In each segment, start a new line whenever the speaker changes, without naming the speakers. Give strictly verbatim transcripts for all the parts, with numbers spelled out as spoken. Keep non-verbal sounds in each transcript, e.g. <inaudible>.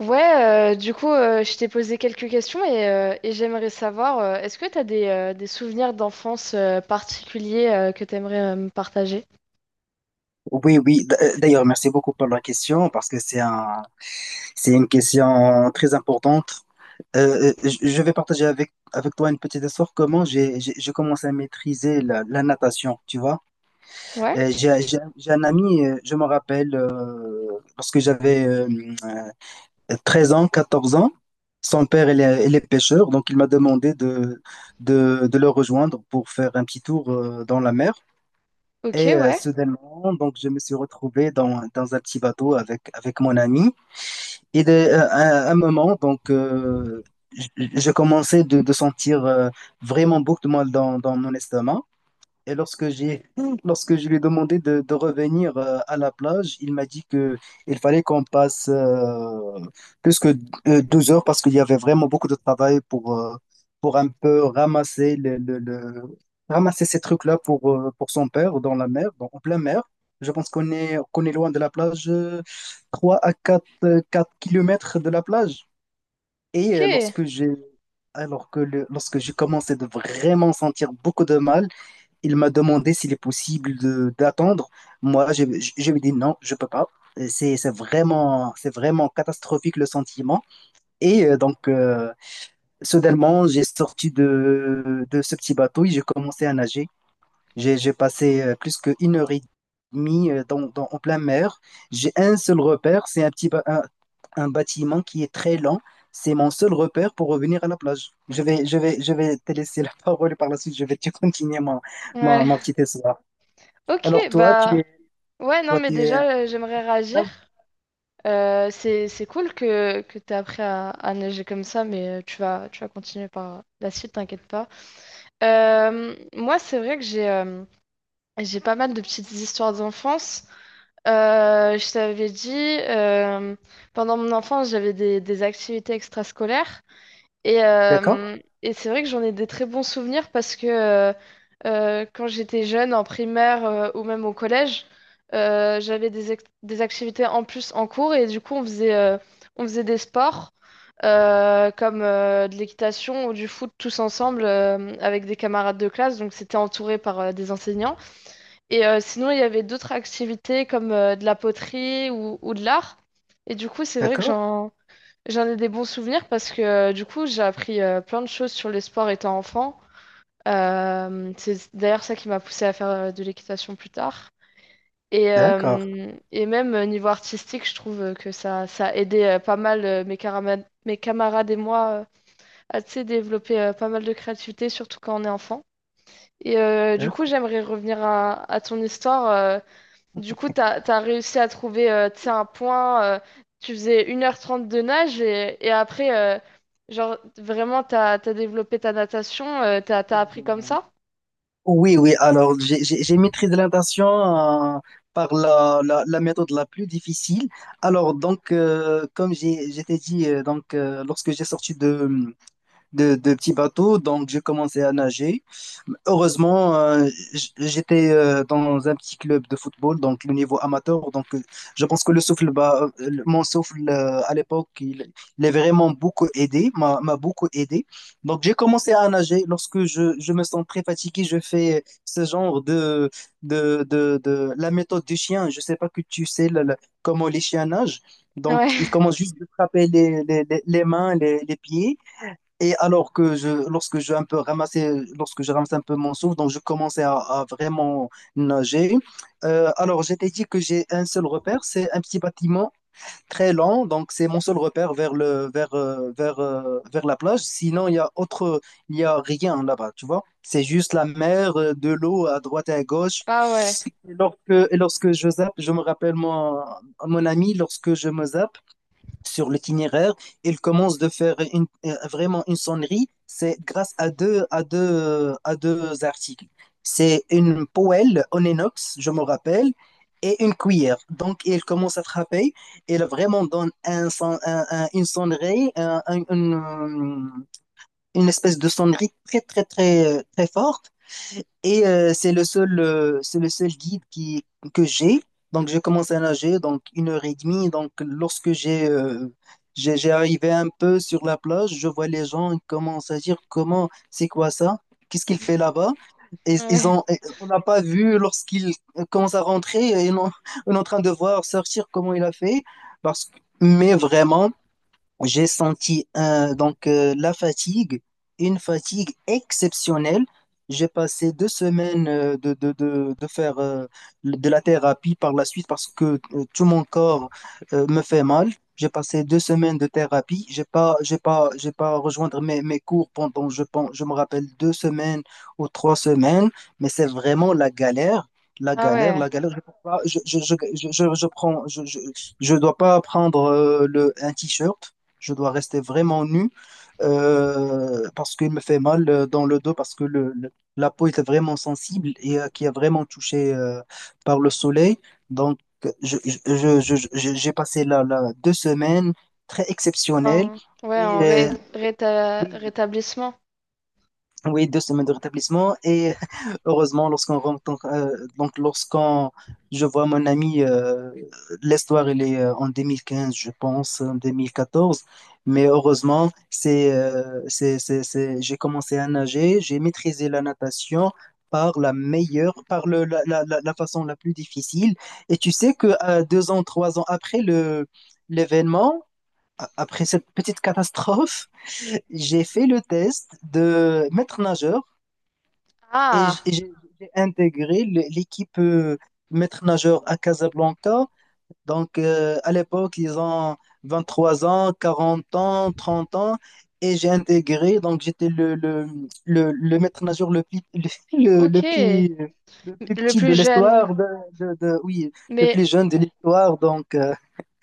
Ouais, euh, du coup, euh, je t'ai posé quelques questions et, euh, et j'aimerais savoir, euh, est-ce que tu as des, euh, des souvenirs d'enfance euh, particuliers euh, que tu aimerais me partager?
Oui, oui. D- euh, D'ailleurs, merci beaucoup pour la question parce que c'est un, c'est une question très importante. Euh, euh, je je vais partager avec, avec toi une petite histoire. Comment j'ai j'ai- j'ai commencé à maîtriser la, la natation, tu vois.
Ouais.
Euh, J'ai j'ai- j'ai un ami, euh, je me rappelle, euh, lorsque j'avais euh, euh, treize ans, quatorze ans. Son père, il est, il est pêcheur, donc il m'a demandé de, de, de le rejoindre pour faire un petit tour euh, dans la mer.
Ok.
Et euh,
Ouais.
soudainement, donc, je me suis retrouvé dans, dans un petit bateau avec, avec mon ami. Et de- euh, à un moment, donc, euh, je, je commençais de, de sentir euh, vraiment beaucoup de mal dans, dans mon estomac. Et lorsque j'ai, <laughs> Lorsque je lui ai demandé de, de revenir euh, à la plage, il m'a dit que il fallait qu'on passe euh, plus que euh, douze heures, parce qu'il y avait vraiment beaucoup de travail pour, euh, pour un peu ramasser le, le- le- ramasser ces trucs-là pour, euh, pour son père dans la mer, donc en pleine mer. Je pense qu'on est, qu'on est loin de la plage, euh, trois à quatre euh, quatre kilomètres de la plage. Et
Ok.
euh, lorsque j'ai Alors que le- lorsque J'ai commencé de vraiment sentir beaucoup de mal. Il m'a demandé s'il est possible de d'attendre. Moi, je, je, je lui ai dit non, je peux pas. Euh, C'est c'est vraiment, c'est vraiment catastrophique, le sentiment. Et euh, donc, euh, soudainement, j'ai sorti de, de ce petit bateau et j'ai commencé à nager. J'ai j'ai passé euh, plus qu'une heure et demie euh, dans, dans- en plein mer. J'ai un seul repère, c'est un petit ba- un, un bâtiment qui est très lent. C'est mon seul repère pour revenir à la plage. Je vais, je vais, je vais te laisser la <laughs> parole, et par la suite, je vais te continuer mon, mon,
Ouais.
mon petit essai.
Ok.
Alors toi, tu
Bah,
es,
ouais. Non,
Toi,
mais
tu es
déjà, euh, j'aimerais réagir.
esclave.
Euh, c'est, c'est cool que, que tu appris à, à nager comme ça, mais euh, tu vas, tu vas continuer par la suite, t'inquiète pas. Euh, moi, c'est vrai que j'ai euh, j'ai pas mal de petites histoires d'enfance. Euh, je t'avais dit, euh, pendant mon enfance, j'avais des, des activités extrascolaires et,
D'accord,
euh, et c'est vrai que j'en ai des très bons souvenirs parce que euh, euh, quand j'étais jeune, en primaire euh, ou même au collège, euh, j'avais des, ex- des activités en plus en cours et du coup, on faisait, euh, on faisait des sports euh, comme euh, de l'équitation ou du foot tous ensemble euh, avec des camarades de classe, donc c'était entouré par euh, des enseignants. Et euh, sinon, il y avait d'autres activités comme euh, de la poterie ou, ou de l'art. Et du coup, c'est vrai que
d'accord,
j'en j'en ai des bons souvenirs parce que euh, du coup, j'ai appris euh, plein de choses sur les sports étant enfant. Euh, c'est d'ailleurs ça qui m'a poussée à faire euh, de l'équitation plus tard. Et,
d'accord,
euh, et même euh, niveau artistique, je trouve euh, que ça, ça a aidé euh, pas mal euh, mes, carama- mes camarades et moi euh, à tu sais, développer euh, pas mal de créativité, surtout quand on est enfant. Et euh, du coup,
d'accord.
j'aimerais revenir à, à ton histoire. Euh, du coup, t'as, t'as réussi à trouver euh, tu sais, un point. Euh, tu faisais une heure trente de nage et, et après, euh, genre, vraiment, t'as, t'as développé ta natation. Euh, t'as, t'as appris comme ça?
Oui, oui. Alors, j'ai j'ai- j'ai maîtrisé la natation, euh, par la, la, la méthode la plus difficile. Alors, donc, euh, comme j'ai, je t'ai dit, euh, donc, euh, lorsque j'ai sorti de, de, de petits bateaux, donc j'ai commencé à nager. Heureusement, euh, j- j'étais euh, dans un petit club de football, donc le niveau amateur. Donc, euh, je pense que le souffle, bah euh, le- mon souffle euh, à l'époque, il, il est vraiment beaucoup aidé, m'a m'a beaucoup aidé. Donc, j'ai commencé à nager. Lorsque je, je me sens très fatigué, je fais ce genre de, de, de, de la méthode du chien. Je sais pas que tu sais le- le- comment les chiens nagent. Donc, ils
Ouais.
commencent juste de frapper les, les, les les mains, les, les pieds. Et alors que je, lorsque je un peu ramassais, Lorsque je ramassais un peu mon souffle, donc je commençais à, à vraiment nager. Euh, alors j'étais dit que j'ai un seul repère, c'est un petit bâtiment très lent, donc c'est mon seul repère vers le, vers, euh, vers, euh, vers la plage. Sinon il y a autre, Il y a rien là-bas, tu vois. C'est juste la mer, euh, de l'eau à droite et à
<laughs>
gauche.
Ah ouais.
Et lorsque, et lorsque je zappe, je me rappelle mon, mon ami, lorsque je me zappe sur l'itinéraire. Il commence de faire une- euh, vraiment une sonnerie. C'est grâce à deux, à deux, à deux articles. C'est une poêle en inox, je me rappelle, et une cuillère. Donc, il commence à frapper. Il vraiment donne un, son- un- un- une sonnerie, un- un- une, une espèce de sonnerie très, très, très, euh, très forte. Et euh, c'est le seul, euh, c'est le seul guide qui, que j'ai. Donc, j'ai commencé à nager, donc une heure et demie. Donc, lorsque j'ai euh, j'ai j'ai arrivé un peu sur la plage, je vois les gens, ils commencent à dire comment, c'est quoi ça? Qu'est-ce qu'il fait là-bas? Et ils
Ouais.
ont, et on n'a pas vu lorsqu'il commence à rentrer, et on, <laughs> on est en train de voir sortir comment il a fait. Parce que, mais vraiment, j'ai senti euh, donc euh, la fatigue, une fatigue exceptionnelle. J'ai passé deux semaines euh, de, de, de, de faire euh, de la thérapie par la suite, parce que euh, tout mon corps euh, me fait mal. J'ai passé deux semaines de thérapie. J'ai pas, j'ai pas, j'ai pas rejoindre mes, mes cours pendant, je pense, je me rappelle, deux semaines ou trois semaines, mais c'est vraiment la galère. La
Ah
galère,
ouais.
la galère. Je, peux pas- je, je, je, je, je je prends, je, je, Je dois pas prendre euh, le, un t-shirt. Je dois rester vraiment nu, euh, parce qu'il me fait mal, euh, dans le dos, parce que le, le- la peau était vraiment sensible et, euh, qui est vraiment touchée, euh, par le soleil. Donc, je, je- je- je- je- j'ai passé là, là deux semaines très exceptionnelles.
En- ouais,
Et
en ré-
euh,
réta-
oui,
rétablissement.
oui, deux semaines de rétablissement. Et <laughs> heureusement, lorsqu'on rentre, euh, donc lorsqu'on je vois mon ami. Euh, l'histoire, elle est, euh, en deux mille quinze, je pense, en deux mille quatorze. Mais heureusement, c'est euh, c'est c'est c'est- j'ai commencé à nager, j'ai maîtrisé la natation par la meilleure, par le la, la, la la façon la plus difficile. Et tu sais que, euh, deux ans, trois ans après le l'événement, a- après cette petite catastrophe, <laughs> j'ai fait le test de maître nageur, et j-
Ah.
et j'ai j'ai intégré le- l'équipe, euh, maître nageur, à Casablanca. Donc, euh, à l'époque, ils ont vingt-trois ans, quarante ans, trente ans, et j'ai intégré. Donc, j'étais le, le, le, le maître nageur le plus, le, le- le
Ok.
plus, le plus
Le
petit
plus
de
jeune.
l'histoire, de, de- de- oui, le
Mais,
plus jeune de l'histoire. Donc, euh,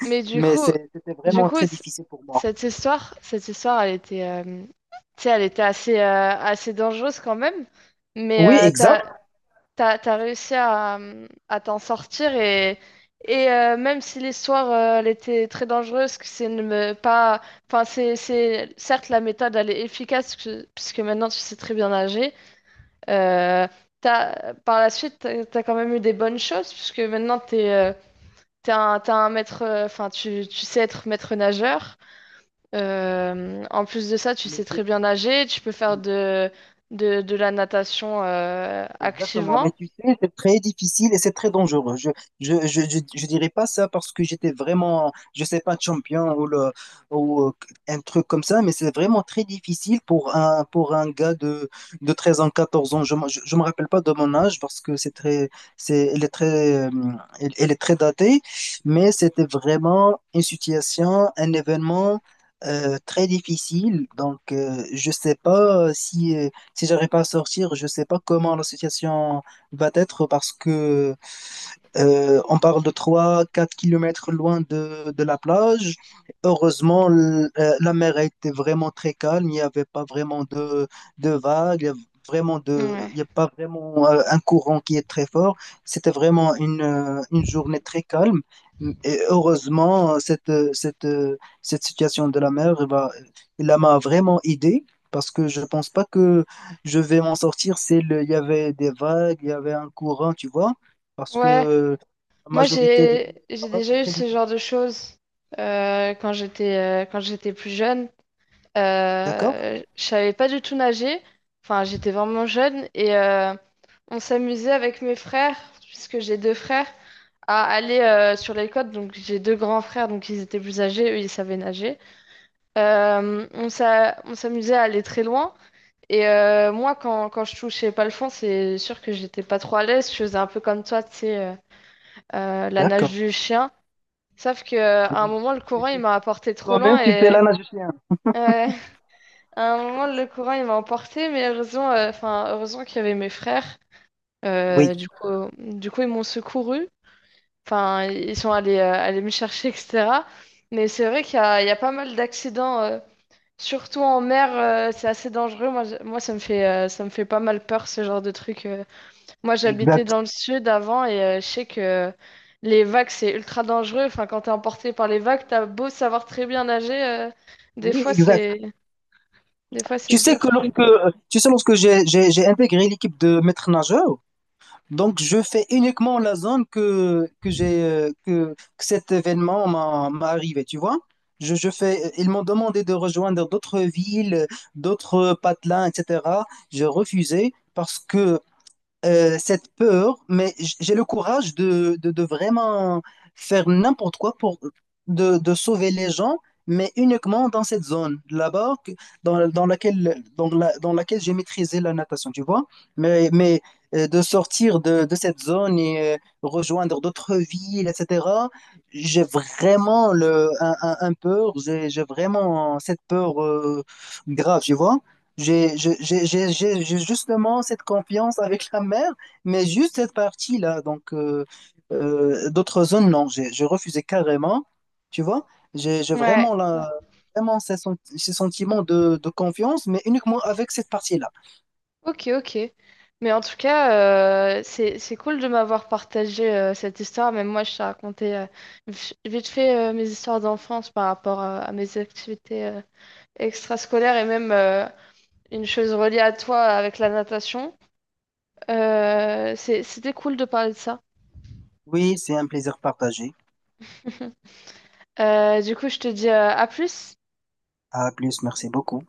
mais du
mais
coup,
c'est- c'était
du
vraiment
coup,
très
c-
difficile pour moi.
cette histoire, cette histoire, elle était, euh, tu sais, elle était assez, euh, assez dangereuse quand même. Mais
Oui,
euh,
exact.
t'as t'as, t'as réussi à, euh, à t'en sortir et, et euh, même si l'histoire euh, elle était très dangereuse, que c'est ne me- pas, enfin c'est, c'est certes la méthode elle est efficace puisque, puisque maintenant tu sais très bien nager. euh, t'as, Par la suite t'as, t'as quand même eu des bonnes choses puisque maintenant t'es euh, t'es un, t'es un maître, euh, enfin tu, tu sais être maître nageur. Euh, en plus de ça, tu
Mais
sais très
c'est-
bien nager, tu peux faire de, de, de la natation euh,
Exactement,
activement.
mais tu sais, c'est très difficile et c'est très dangereux. Je, je, je, je, je dirais pas ça parce que j'étais vraiment, je sais pas, champion, ou, le, ou euh, un truc comme ça, mais c'est vraiment très difficile pour un, pour un gars de, de treize ans, quatorze ans. Je, me- je, je me rappelle pas de mon âge parce que c'est très, c'est, elle est très, euh, elle, elle est très datée, mais c'était vraiment une situation, un événement, euh, très difficile. Donc, euh, je sais pas si. Euh, si j'arrive pas à sortir, je sais pas comment la situation va être, parce que euh, on parle de trois, quatre kilomètres loin de, de la plage. Heureusement, l- euh, la mer était vraiment très calme. Il n'y avait pas vraiment de, de vagues. Il y avait vraiment de,
Ouais.
Il n'y a pas vraiment, euh, un courant qui est très fort. C'était vraiment une, euh, une journée très calme. Et heureusement, cette, euh, cette, euh, cette situation de la mer, eh ben, elle m'a vraiment aidé. Parce que je pense pas que je vais m'en sortir. C'est le, il y avait des vagues, il y avait un courant, tu vois, parce que
Ouais.
euh, la
Moi,
majorité des plats du
j'ai j'ai
Maroc, c'est
déjà eu
très
ce
difficile.
genre de choses euh, quand j'étais euh, quand j'étais plus jeune.
D'accord?
Euh, je savais pas du tout nager. Enfin, j'étais vraiment jeune et euh, on s'amusait avec mes frères, puisque j'ai deux frères, à aller euh, sur les côtes. Donc, j'ai deux grands frères, donc ils étaient plus âgés, eux, ils savaient nager. Euh, on s'a- on s'amusait à aller très loin. Et euh, moi, quand, quand je touchais pas le fond, c'est sûr que j'étais pas trop à l'aise. Je faisais un peu comme toi, tu sais, euh, euh, la nage
D'accord.
du chien. Sauf que, euh, à un
Oui.
moment, le courant, il m'a apporté trop
Toi-même,
loin
tu fais
et
la nage océan.
euh, <laughs> à un moment, le courant, il m'a emporté, mais heureusement, euh, enfin, heureusement qu'il y avait mes frères.
Oui,
Euh, du coup, du coup, ils m'ont secouru. Enfin, ils sont allés, euh, allés me chercher, et cætera. Mais c'est vrai qu'il y a, il y a pas mal d'accidents, euh, surtout en mer, euh, c'est assez dangereux. Moi, je- moi, ça me fait, euh, ça me fait pas mal peur, ce genre de truc. Euh, moi, j'habitais
exact.
dans le sud avant et euh, je sais que les vagues, c'est ultra dangereux. Enfin, quand t'es emporté par les vagues, t'as beau savoir très bien nager, euh, des
Oui,
fois,
exact.
c'est des fois, c'est
Tu sais que
dur.
lorsque, euh, tu sais, lorsque j'ai, j'ai, j'ai intégré l'équipe de maître nageur, donc je fais uniquement la zone que, que j'ai, euh, que, que cet événement m'a, m'a arrivé, tu vois? Je, je fais, ils m'ont demandé de rejoindre d'autres villes, d'autres patelins, et cetera. J'ai refusé parce que, euh, cette peur, mais j- j'ai le courage de, de, de vraiment faire n'importe quoi pour de, de sauver les gens, mais uniquement dans cette zone là-bas que- dans, dans laquelle, dans la- dans laquelle j'ai maîtrisé la natation, tu vois. Mais, mais euh, de sortir de, de cette zone et, euh, rejoindre d'autres villes, et cetera, j'ai vraiment le, un, un- un peur, j'ai j'ai vraiment cette peur, euh, grave, tu vois. J'ai je- j'ai- j'ai- j'ai- j'ai justement cette confiance avec la mer, mais juste cette partie-là. Donc, euh, euh, d'autres zones, non, j'ai j'ai refusé carrément. Tu vois, j'ai j'ai
Ouais,
vraiment, la, vraiment ces, sen- ces sentiments de, de confiance, mais uniquement avec cette partie-là.
ok, ok. Mais en tout cas, euh, c'est c'est cool de m'avoir partagé euh, cette histoire. Même moi, je t'ai raconté euh, vi- vite fait euh, mes histoires d'enfance par rapport euh, à mes activités euh, extrascolaires et même euh, une chose reliée à toi avec la natation. Euh, c'est- c'était cool de parler de ça.
Oui, c'est un plaisir partagé.
<laughs> Euh, du coup, je te dis euh, à plus.
À plus, merci beaucoup.